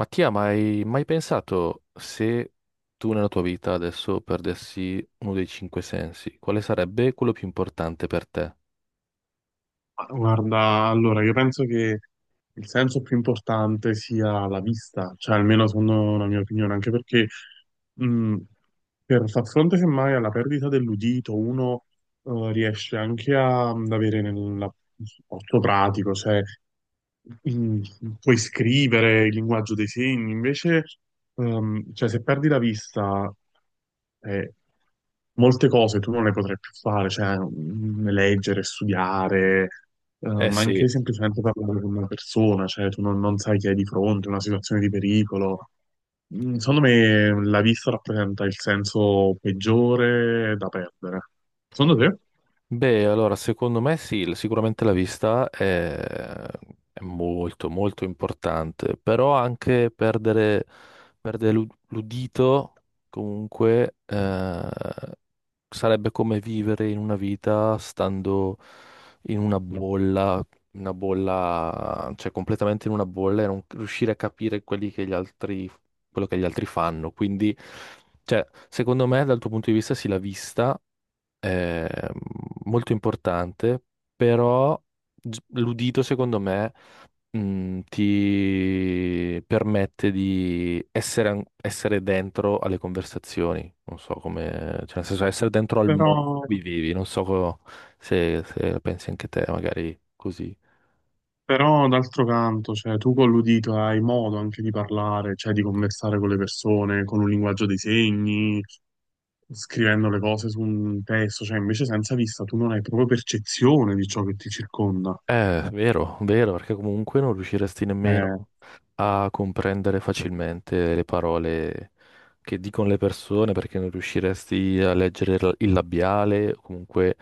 Mattia, ma hai mai pensato se tu nella tua vita adesso perdessi uno dei cinque sensi, quale sarebbe quello più importante per te? Ma guarda, allora, io penso che il senso più importante sia la vista, cioè almeno secondo la mia opinione, anche perché mh, per far fronte semmai alla perdita dell'udito, uno riesce anche ad avere nel un supporto pratico, cioè mm, puoi scrivere il linguaggio dei segni, invece cioè, se perdi la vista eh, molte cose tu non le potrai più fare, cioè leggere, studiare, Eh ma sì. anche semplicemente parlare con una persona, cioè tu non sai chi hai di fronte, una situazione di pericolo. Mm, secondo me la vista rappresenta il senso peggiore da perdere. Secondo te? Beh, allora, secondo me sì, sicuramente la vista è molto, molto importante, però anche perdere, perdere l'udito comunque sarebbe come vivere in una vita stando in una bolla, cioè completamente in una bolla e non riuscire a capire quelli che gli altri, quello che gli altri fanno. Quindi, cioè, secondo me, dal tuo punto di vista, sì, la vista è molto importante, però l'udito, secondo me ti permette di essere, essere dentro alle conversazioni, non so come, cioè nel senso essere dentro al Però, mondo in cui vivi, non so co-, se, se la pensi anche te, magari così. però d'altro canto, cioè, tu con l'udito hai modo anche di parlare, cioè di conversare con le persone, con un linguaggio dei segni, scrivendo le cose su un testo, cioè invece senza vista tu non hai proprio percezione di ciò che ti circonda. Vero, vero, perché comunque non riusciresti Eh, nemmeno a comprendere facilmente le parole che dicono le persone, perché non riusciresti a leggere il labiale, o comunque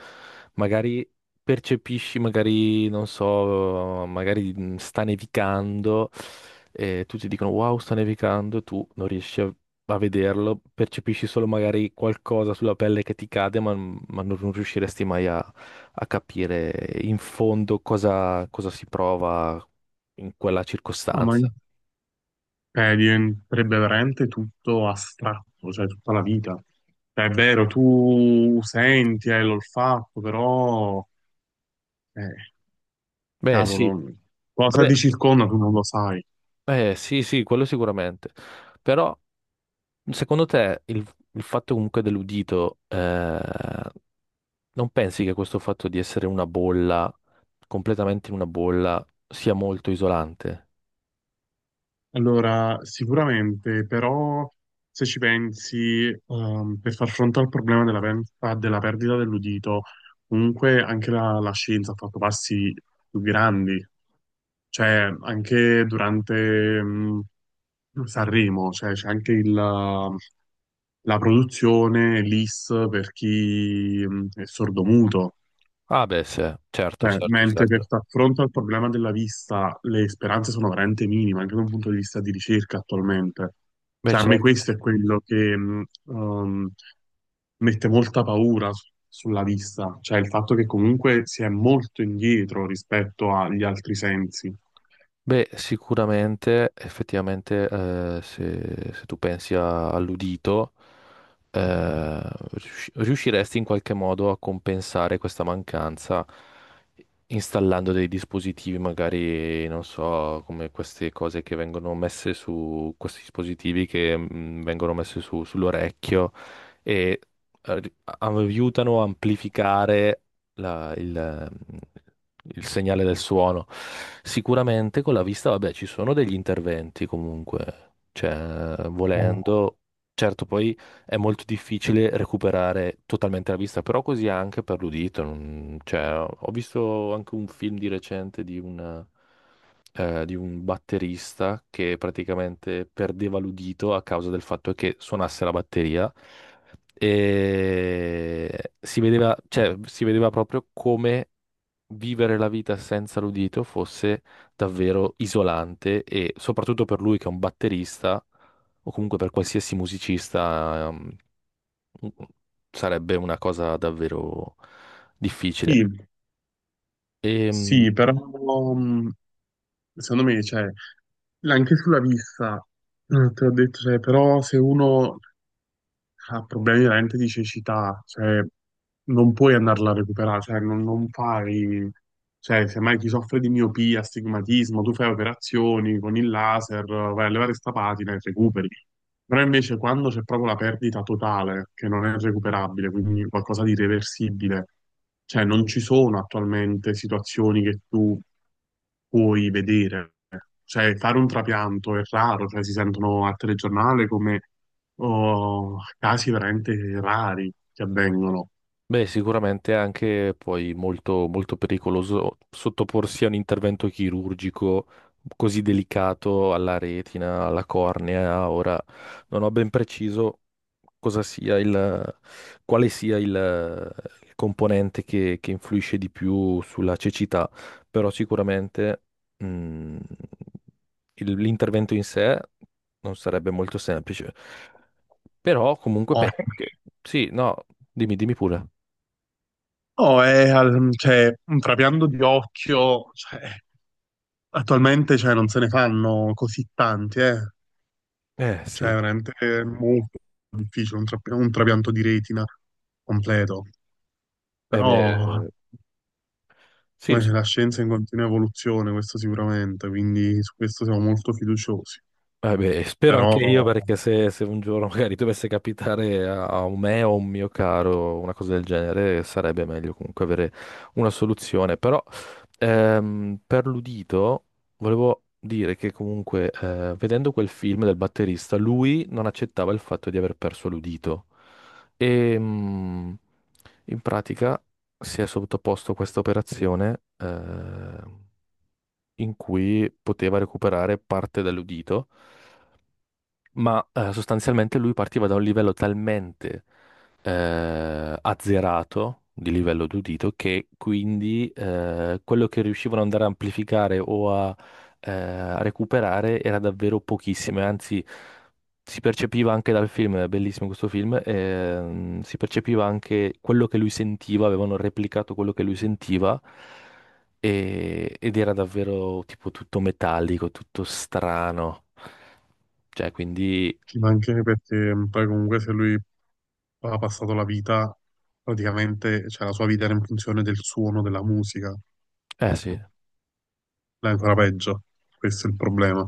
magari percepisci, magari, non so, magari sta nevicando e tutti dicono wow, sta nevicando, e tu non riesci a, a vederlo, percepisci solo magari qualcosa sulla pelle che ti cade, ma non riusciresti mai a capire in fondo cosa, cosa si prova in quella no, ma circostanza. eh, diventerebbe veramente tutto astratto, cioè tutta la vita. Cioè, è vero, tu senti, hai l'olfatto, però, eh, Beh, eh, sì, cavolo, cosa vabbè, ti circonda tu non lo sai. Sì, sì, quello sicuramente. Però, secondo te, il fatto comunque dell'udito, non pensi che questo fatto di essere una bolla, completamente in una bolla, sia molto isolante? Allora, sicuramente, però, se ci pensi, per far fronte al problema della della perdita dell'udito, comunque anche la scienza ha fatto passi più grandi, cioè anche durante, mm, Sanremo, cioè c'è anche il la produzione, l'IS per chi è sordomuto. Ah, beh, sì, eh, certo, Cioè, certo, mentre per certo. far fronte al problema della vista le speranze sono veramente minime, anche da un punto di vista di ricerca attualmente. Beh, Cioè, a me certo. questo è quello che mette molta paura sulla vista, cioè il fatto che comunque si è molto indietro rispetto agli altri sensi. Beh, sicuramente, effettivamente, se, se tu pensi all'udito, eh, riusciresti in qualche modo a compensare questa mancanza installando dei dispositivi, magari, non so, come queste cose che vengono messe su questi dispositivi che vengono messe sull'orecchio e eh, ri- aiutano a amplificare la- il, il segnale del suono. Sicuramente con la vista, vabbè, ci sono degli interventi comunque, cioè, Eh, volendo, certo, poi è molto difficile recuperare totalmente la vista, però così anche per l'udito. Cioè, ho visto anche un film di recente di un batterista che praticamente perdeva l'udito a causa del fatto che suonasse la batteria. E si vedeva, cioè, si vedeva proprio come vivere la vita senza l'udito fosse davvero isolante e soprattutto per lui che è un batterista o comunque per qualsiasi musicista sarebbe una cosa davvero difficile. Sì, E, sì, però mm, secondo me, cioè, anche sulla vista, te l'ho detto, cioè, però se uno ha problemi veramente di cecità, cioè non puoi andarla a recuperare, cioè non fai, cioè semmai chi soffre di miopia, astigmatismo, tu fai operazioni con il laser, vai a levare sta patina e recuperi. Però invece quando c'è proprio la perdita totale, che non è recuperabile, quindi qualcosa di irreversibile, cioè non ci sono attualmente situazioni che tu puoi vedere. Cioè, fare un trapianto è raro, cioè si sentono al telegiornale come o casi veramente rari che avvengono. beh, sicuramente è anche poi molto, molto pericoloso sottoporsi a un intervento chirurgico così delicato alla retina, alla cornea. Ora non ho ben preciso cosa sia il, quale sia il componente che influisce di più sulla cecità, però sicuramente mm, l'intervento in sé non sarebbe molto semplice. Però comunque Eh, penso che sì, no, dimmi, dimmi pure. Oh, è cioè, un trapianto di occhio, cioè, attualmente cioè, non se ne fanno così tanti, eh. Eh Cioè, sì, veramente è molto difficile un trapianto di retina completo. eh Però beh, sì, la scienza è in continua evoluzione, questo sicuramente, quindi su questo siamo molto fiduciosi. Beh, spero Però anche io perché se, se un giorno magari dovesse capitare a, a un me o a un mio caro una cosa del genere, sarebbe meglio comunque avere una soluzione. Però per l'udito volevo dire che comunque vedendo quel film del batterista, lui non accettava il fatto di aver perso l'udito e in pratica si è sottoposto a questa operazione. In cui poteva recuperare parte dell'udito, ma sostanzialmente lui partiva da un livello talmente azzerato di livello d'udito che quindi quello che riuscivano ad andare a amplificare o a, a recuperare era davvero pochissimo, e anzi si percepiva anche dal film, è bellissimo questo film, si percepiva anche quello che lui sentiva, avevano replicato quello che lui sentiva ed era davvero tipo tutto metallico, tutto strano. Cioè, quindi, ci mancherebbe perché poi comunque se lui ha passato la vita praticamente, cioè la sua vita era in funzione del suono della musica, eh sì, è ancora peggio, questo è il problema.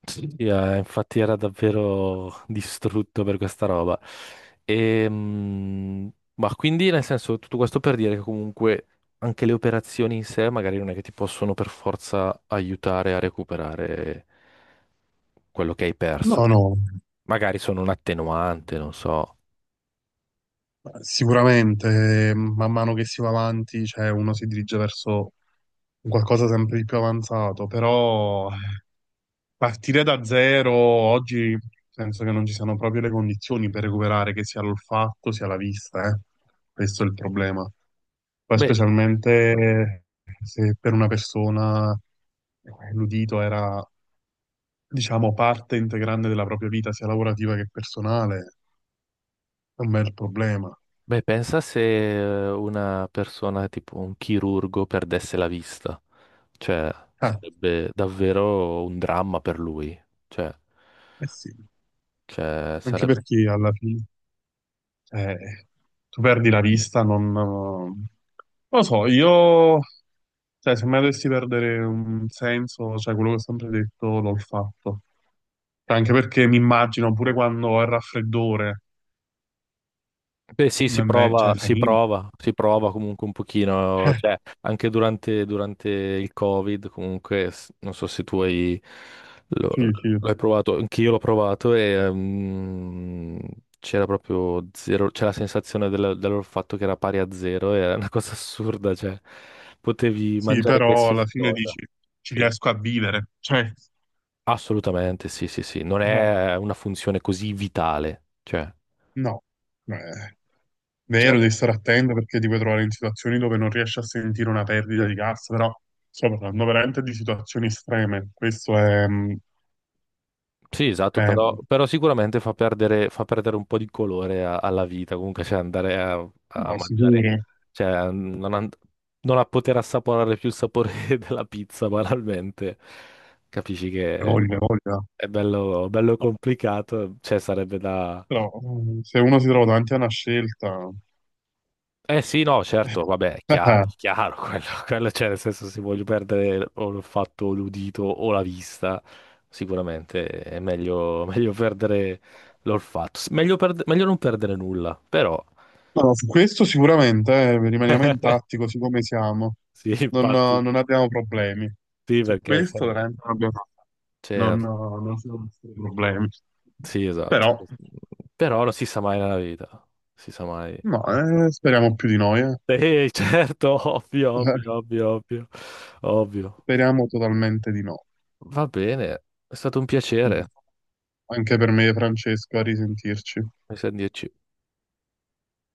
sì, sì, infatti era davvero distrutto per questa roba. Ma quindi, nel senso, tutto questo per dire che comunque anche le operazioni in sé magari non è che ti possono per forza aiutare a recuperare quello che hai perso. No, Perché no, magari sono un attenuante, non so. sicuramente man mano che si va avanti, cioè uno si dirige verso un qualcosa sempre di più avanzato, però partire da zero oggi penso che non ci siano proprio le condizioni per recuperare che sia l'olfatto sia la vista, eh. Questo è il problema. Poi Beh, specialmente se per una persona eh, l'udito era, diciamo, parte integrante della propria vita, sia lavorativa che personale, è un bel problema. beh, pensa se una persona tipo un chirurgo perdesse la vista, cioè Eh, sarebbe davvero un dramma per lui, cioè, eh sì, cioè, anche sarebbe perché alla fine, cioè, tu perdi la vista, non... Non lo so, io, cioè, se mai dovessi perdere un senso, cioè, quello che ho sempre detto, l'ho fatto. Cioè, anche perché mi immagino, pure quando ho il raffreddore, beh, sì, si prova, cioè, fa si niente. prova, si prova comunque un pochino, Eh, cioè anche durante, durante il Covid, comunque, non so se tu hai, lo- sì, sì. l'hai provato, anche io l'ho provato e c'era proprio zero, c'era la sensazione del, del fatto che era pari a zero, era una cosa assurda, cioè potevi Sì, mangiare però alla qualsiasi fine cosa. dici, ci Sì, riesco a vivere. Cioè, assolutamente, sì, sì, sì, non no, è una funzione così vitale, cioè... no. Eh, vero, devi Certo. stare attento perché ti puoi trovare in situazioni dove non riesci a sentire una perdita di cassa, però sto parlando veramente di situazioni estreme. Questo Sì, esatto, è, però, però sicuramente fa perdere un po' di colore alla vita, comunque cioè andare a, a no, sicuro, mangiare, hai cioè non, non a poter assaporare più il sapore della pizza banalmente, capisci che hai voglia. è bello, bello No, complicato, cioè sarebbe da, però se uno si trova davanti a una scelta, eh sì, no, certo, vabbè, è chiaro, quello c'è, nel senso se voglio perdere o il fatto l'udito o la vista, sicuramente è meglio, meglio perdere l'olfatto, meglio, meglio non perdere nulla, però no, no, su questo sicuramente rimaniamo intatti così come siamo, sì, infatti, non abbiamo problemi. sì, Su perché se questo no- veramente non abbiamo, cioè, non, non ci sono nessun problemi. sì, esatto, Però, però non si sa mai nella vita, si sa mai. no, speriamo più di noi, eh. Sì, certo, ovvio, Eh, ovvio, ovvio, ovvio, ovvio. speriamo totalmente di no. Va bene, è stato un piacere, Anche per me, Francesco, a risentirci. mi sa di dirci.